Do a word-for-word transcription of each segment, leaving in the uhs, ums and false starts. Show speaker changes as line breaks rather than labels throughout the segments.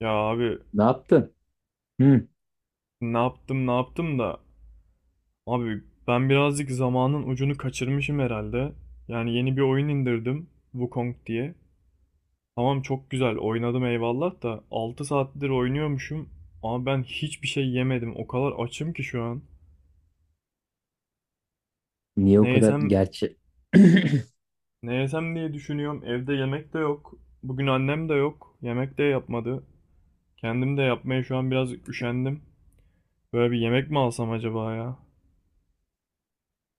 Ya abi
Ne yaptın? Hı.
ne yaptım ne yaptım da abi ben birazcık zamanın ucunu kaçırmışım herhalde. Yani yeni bir oyun indirdim Wukong diye. Tamam çok güzel oynadım eyvallah da altı saattir oynuyormuşum ama ben hiçbir şey yemedim. O kadar açım ki şu an.
Niye
Ne
o kadar
yesem
gerçi?
ne yesem diye düşünüyorum. Evde yemek de yok. Bugün annem de yok. Yemek de yapmadı. Kendim de yapmaya şu an biraz üşendim. Böyle bir yemek mi alsam acaba ya?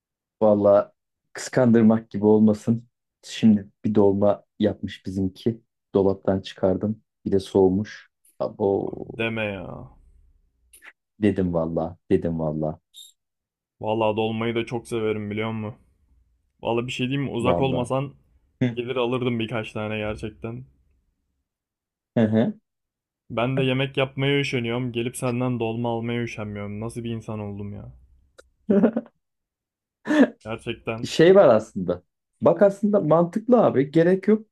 Valla kıskandırmak gibi olmasın. Şimdi bir dolma yapmış bizimki. Dolaptan çıkardım. Bir de soğumuş. Abo
Abi deme ya.
dedim valla. Dedim valla.
Vallahi dolmayı da çok severim biliyor musun? Vallahi bir şey diyeyim mi? Uzak
Valla.
olmasan
Hı.
gelir alırdım birkaç tane gerçekten.
Hı hı.
Ben de yemek yapmaya üşeniyorum. Gelip senden dolma almaya üşenmiyorum. Nasıl bir insan oldum ya? Gerçekten
Şey var aslında. Bak aslında mantıklı abi. Gerek yok.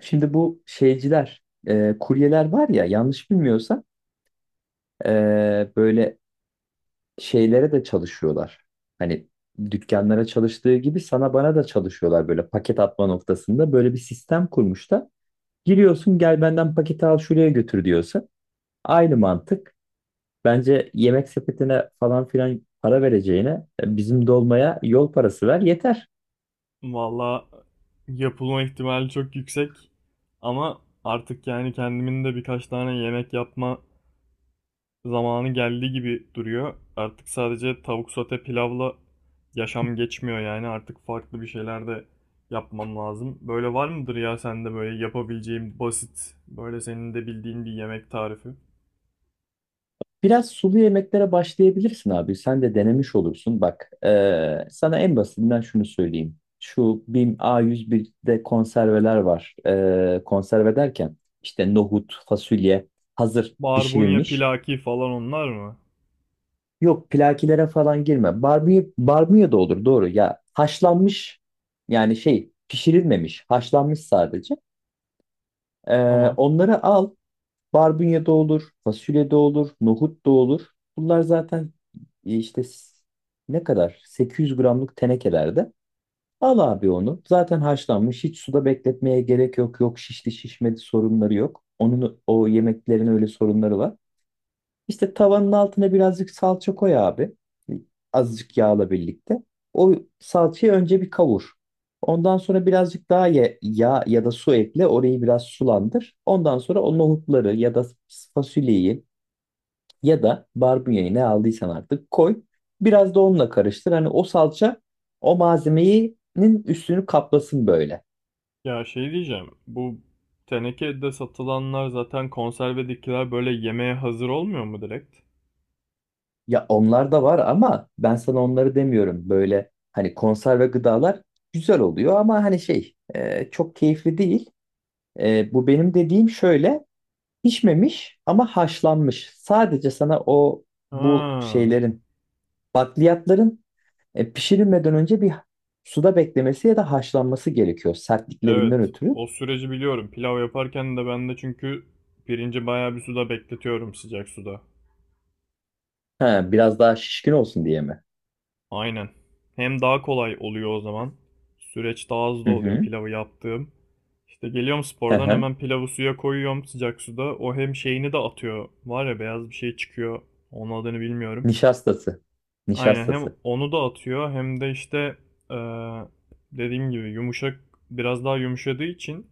Şimdi bu şeyciler, e, kuryeler var ya yanlış bilmiyorsam e, böyle şeylere de çalışıyorlar. Hani dükkanlara çalıştığı gibi sana bana da çalışıyorlar böyle paket atma noktasında. Böyle bir sistem kurmuşlar. Giriyorsun gel benden paketi al şuraya götür diyorsun. Aynı mantık. Bence yemek sepetine falan filan para vereceğine e, bizim dolmaya yol parası ver yeter.
vallahi yapılma ihtimali çok yüksek. Ama artık yani kendimin de birkaç tane yemek yapma zamanı geldi gibi duruyor. Artık sadece tavuk sote pilavla yaşam geçmiyor yani. Artık farklı bir şeyler de yapmam lazım. Böyle var mıdır ya sende böyle yapabileceğim basit, böyle senin de bildiğin bir yemek tarifi?
Biraz sulu yemeklere başlayabilirsin abi. Sen de denemiş olursun. Bak, eee, sana en basitinden şunu söyleyeyim. Şu BİM a yüz birde konserveler var. Eee, konserve derken işte nohut, fasulye hazır
Barbunya,
pişirilmiş.
pilaki falan onlar mı?
Yok plakilere falan girme. Barbie, barbie da olur doğru ya. Haşlanmış yani şey pişirilmemiş. Haşlanmış sadece. Eee,
Tamam.
onları al. Barbunya da olur, fasulye de olur, nohut da olur. Bunlar zaten e, işte s- ne kadar? sekiz yüz gramlık tenekelerde. Al abi onu. Zaten haşlanmış. Hiç suda bekletmeye gerek yok. Yok şişti şişmedi sorunları yok. Onun o yemeklerin öyle sorunları var. İşte tavanın altına birazcık salça koy abi. Azıcık yağla birlikte. O salçayı önce bir kavur. Ondan sonra birazcık daha ya- yağ ya da su ekle. Orayı biraz sulandır. Ondan sonra o nohutları ya da fasulyeyi ya da barbunyayı ne aldıysan artık koy. Biraz da onunla karıştır. Hani o salça o malzemenin üstünü kaplasın böyle.
Ya şey diyeceğim. Bu tenekede satılanlar zaten konservedekiler böyle yemeğe hazır olmuyor mu direkt?
Ya onlar da var ama ben sana onları demiyorum. Böyle hani konserve gıdalar güzel oluyor ama hani şey e, çok keyifli değil. E, bu benim dediğim şöyle pişmemiş ama haşlanmış. Sadece sana o bu
Ha.
şeylerin bakliyatların e, pişirilmeden önce bir suda beklemesi ya da haşlanması gerekiyor sertliklerinden
Evet,
ötürü.
o süreci biliyorum. Pilav yaparken de ben de çünkü pirinci bayağı bir suda bekletiyorum sıcak suda.
Ha, biraz daha şişkin olsun diye mi?
Aynen. Hem daha kolay oluyor o zaman. Süreç daha hızlı
Hı
oluyor
hı.
pilavı yaptığım. İşte geliyorum
Hı
spordan
hı.
hemen pilavı suya koyuyorum sıcak suda. O hem şeyini de atıyor. Var ya beyaz bir şey çıkıyor. Onun adını bilmiyorum.
Nişastası.
Aynen hem
Nişastası.
onu da atıyor hem de işte eee, dediğim gibi yumuşak biraz daha yumuşadığı için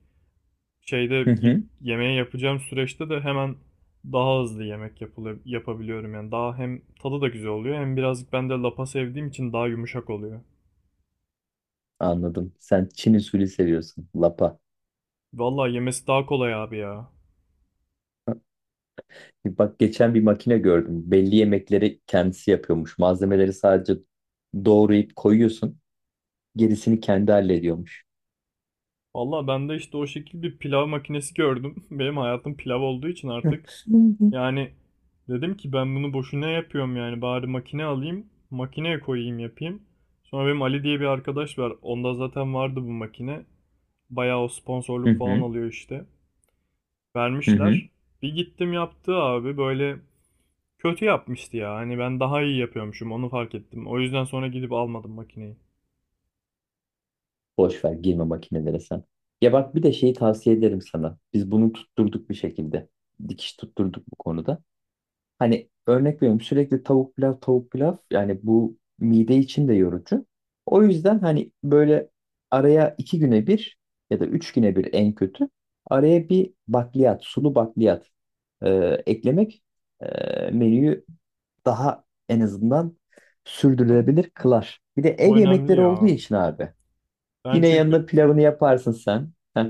şeyde
Hı
ilk
hı.
yemeği yapacağım süreçte de hemen daha hızlı yemek yapılıyor, yapabiliyorum. Yani daha hem tadı da güzel oluyor hem birazcık ben de lapa sevdiğim için daha yumuşak oluyor.
Anladım. Sen Çin usulü seviyorsun. Lapa.
Vallahi yemesi daha kolay abi ya.
Bak geçen bir makine gördüm. Belli yemekleri kendisi yapıyormuş. Malzemeleri sadece doğrayıp koyuyorsun. Gerisini kendi hallediyormuş.
Vallahi ben de işte o şekil bir pilav makinesi gördüm. Benim hayatım pilav olduğu için artık.
Hı hı.
Yani dedim ki ben bunu boşuna yapıyorum yani bari makine alayım, makineye koyayım yapayım. Sonra benim Ali diye bir arkadaş var. Onda zaten vardı bu makine. Bayağı o
Hı
sponsorluk falan
hı.
alıyor işte.
Hı hı.
Vermişler. Bir gittim yaptı abi böyle kötü yapmıştı ya. Hani ben daha iyi yapıyormuşum onu fark ettim. O yüzden sonra gidip almadım makineyi.
Boş ver girme makinelere sen. Ya bak bir de şeyi tavsiye ederim sana. Biz bunu tutturduk bir şekilde. Dikiş tutturduk bu konuda. Hani örnek veriyorum sürekli tavuk pilav tavuk pilav yani bu mide için de yorucu. O yüzden hani böyle araya iki güne bir ya da üç güne bir en kötü araya bir bakliyat sulu bakliyat e, eklemek e, menüyü daha en azından sürdürülebilir kılar. Bir de
O
ev
önemli
yemekleri olduğu
ya.
için abi
Ben
yine
çünkü
yanına pilavını yaparsın sen. Heh,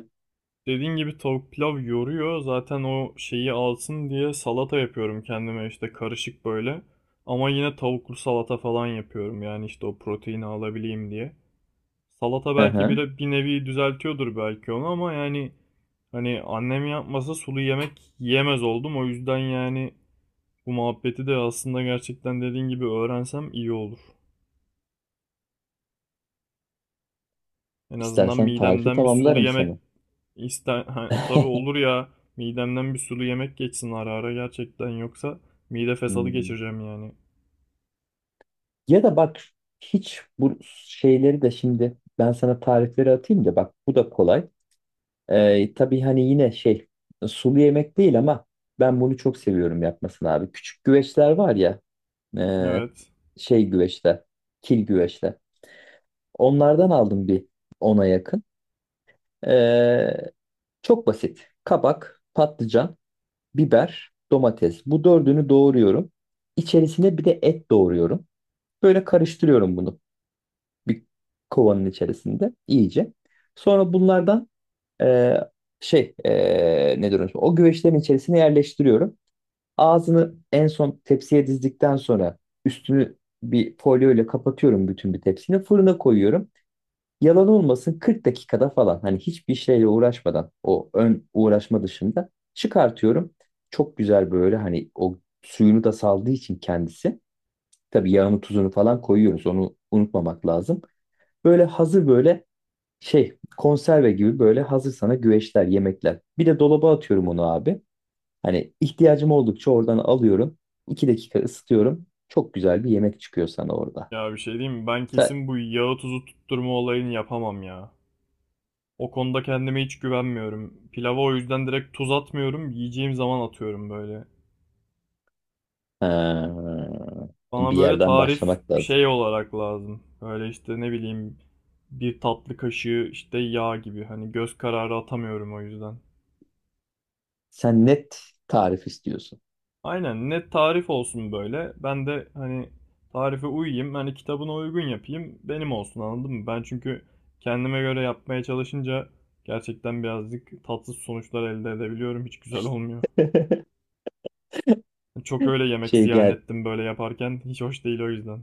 dediğin gibi tavuk pilav yoruyor. Zaten o şeyi alsın diye salata yapıyorum kendime işte karışık böyle. Ama yine tavuklu salata falan yapıyorum yani işte o proteini alabileyim diye. Salata
hı
belki
hı.
bir, bir nevi düzeltiyordur belki onu ama yani hani annem yapmasa sulu yemek yiyemez oldum. O yüzden yani bu muhabbeti de aslında gerçekten dediğin gibi öğrensem iyi olur. En azından
İstersen tarifi
midemden bir sulu
tamamlarım
yemek
sana.
iste ha, tabii olur ya. Midemden bir sulu yemek geçsin ara ara gerçekten yoksa mide fesadı
Hmm.
geçireceğim yani.
Ya da bak hiç bu şeyleri de şimdi ben sana tarifleri atayım da bak bu da kolay. Ee, tabii hani yine şey sulu yemek değil ama ben bunu çok seviyorum yapmasını abi. Küçük güveçler var ya
Evet.
e, şey güveçler, kil güveçler. Onlardan aldım bir ona yakın. Ee, çok basit. Kabak, patlıcan, biber, domates. Bu dördünü doğruyorum. İçerisine bir de et doğruyorum. Böyle karıştırıyorum bunu. Bir kovanın içerisinde iyice. Sonra bunlardan e, şey e, ne diyorum o güveçlerin içerisine yerleştiriyorum. Ağzını en son tepsiye dizdikten sonra üstünü bir folyo ile kapatıyorum bütün bir tepsini. Fırına koyuyorum. Yalan olmasın kırk dakikada falan hani hiçbir şeyle uğraşmadan o ön uğraşma dışında çıkartıyorum. Çok güzel böyle hani o suyunu da saldığı için kendisi. Tabii yağını tuzunu falan koyuyoruz onu unutmamak lazım. Böyle hazır böyle şey konserve gibi böyle hazır sana güveçler, yemekler. Bir de dolaba atıyorum onu abi. Hani ihtiyacım oldukça oradan alıyorum. İki dakika ısıtıyorum. Çok güzel bir yemek çıkıyor sana orada.
Ya bir şey diyeyim mi? Ben
Sen,
kesin bu yağı tuzu tutturma olayını yapamam ya. O konuda kendime hiç güvenmiyorum. Pilava o yüzden direkt tuz atmıyorum. Yiyeceğim zaman atıyorum böyle.
Ha,
Bana
bir
böyle
yerden
tarif
başlamak lazım.
şey olarak lazım. Böyle işte ne bileyim bir tatlı kaşığı işte yağ gibi. Hani göz kararı atamıyorum o yüzden.
Sen net tarif istiyorsun.
Aynen net tarif olsun böyle. Ben de hani tarife uyayım. Hani kitabına uygun yapayım. Benim olsun anladın mı? Ben çünkü kendime göre yapmaya çalışınca gerçekten birazcık tatsız sonuçlar elde edebiliyorum. Hiç güzel olmuyor. Çok öyle yemek
Şey
ziyan
gel
ettim böyle yaparken. Hiç hoş değil o yüzden.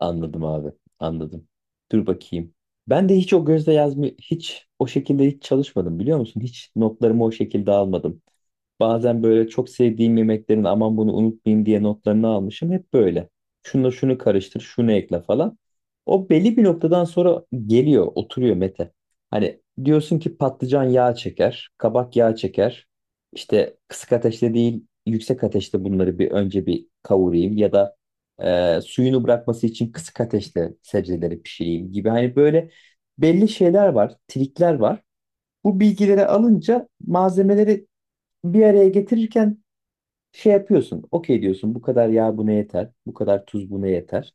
anladım abi anladım. Dur bakayım. Ben de hiç o gözle yazmıyor hiç o şekilde hiç çalışmadım biliyor musun? Hiç notlarımı o şekilde almadım. Bazen böyle çok sevdiğim yemeklerin aman bunu unutmayayım diye notlarını almışım. Hep böyle. Şunu şunu karıştır, şunu ekle falan. O belli bir noktadan sonra geliyor, oturuyor Mete. Hani diyorsun ki patlıcan yağ çeker, kabak yağ çeker. İşte kısık ateşte değil, yüksek ateşte bunları bir önce bir kavurayım ya da e, suyunu bırakması için kısık ateşte sebzeleri pişireyim gibi. Hani böyle belli şeyler var, trikler var. Bu bilgileri alınca malzemeleri bir araya getirirken şey yapıyorsun. Okey diyorsun bu kadar yağ buna yeter. Bu kadar tuz buna yeter.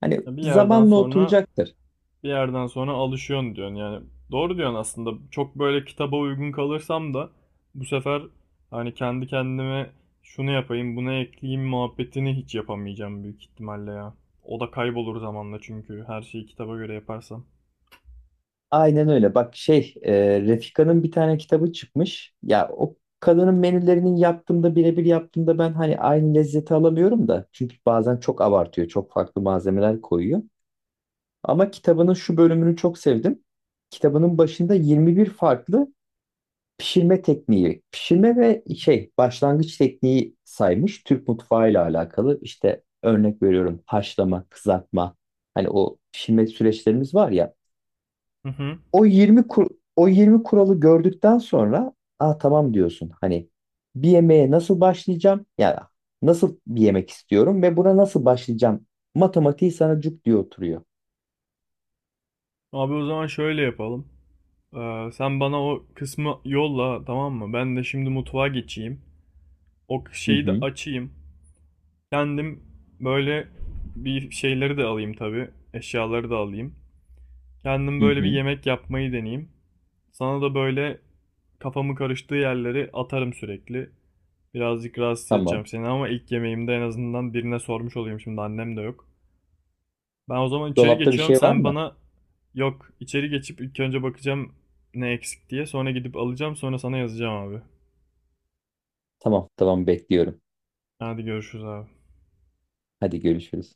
Hani
Bir yerden
zamanla
sonra
oturacaktır.
bir yerden sonra alışıyorsun diyorsun. Yani doğru diyorsun aslında. Çok böyle kitaba uygun kalırsam da bu sefer hani kendi kendime şunu yapayım, bunu ekleyeyim muhabbetini hiç yapamayacağım büyük ihtimalle ya. O da kaybolur zamanla çünkü her şeyi kitaba göre yaparsam.
Aynen öyle. Bak şey e, Refika'nın bir tane kitabı çıkmış. Ya o kadının menülerinin yaptığımda birebir yaptığımda ben hani aynı lezzeti alamıyorum da. Çünkü bazen çok abartıyor. Çok farklı malzemeler koyuyor. Ama kitabının şu bölümünü çok sevdim. Kitabının başında yirmi bir farklı pişirme tekniği, pişirme ve şey başlangıç tekniği saymış Türk mutfağıyla alakalı. İşte örnek veriyorum haşlama, kızartma. Hani o pişirme süreçlerimiz var ya.
Hı hı.
O yirmi kur, o yirmi kuralı gördükten sonra aa tamam diyorsun. Hani bir yemeğe nasıl başlayacağım? Ya nasıl bir yemek istiyorum ve buna nasıl başlayacağım? Matematiği sana cuk diye oturuyor.
Abi o zaman şöyle yapalım. Ee, sen bana o kısmı yolla tamam mı? Ben de şimdi mutfağa geçeyim. O
Hı
şeyi de
hı,
açayım. Kendim böyle bir şeyleri de alayım tabii. Eşyaları da alayım. Kendim
hı
böyle bir
hı,
yemek yapmayı deneyeyim. Sana da böyle kafamı karıştığı yerleri atarım sürekli. Birazcık rahatsız
tamam.
edeceğim seni ama ilk yemeğimde en azından birine sormuş olayım şimdi annem de yok. Ben o zaman içeri
Dolapta bir
geçiyorum
şey var
sen
mı?
bana yok içeri geçip ilk önce bakacağım ne eksik diye sonra gidip alacağım sonra sana yazacağım abi.
Tamam, tamam bekliyorum.
Hadi görüşürüz abi.
Hadi görüşürüz.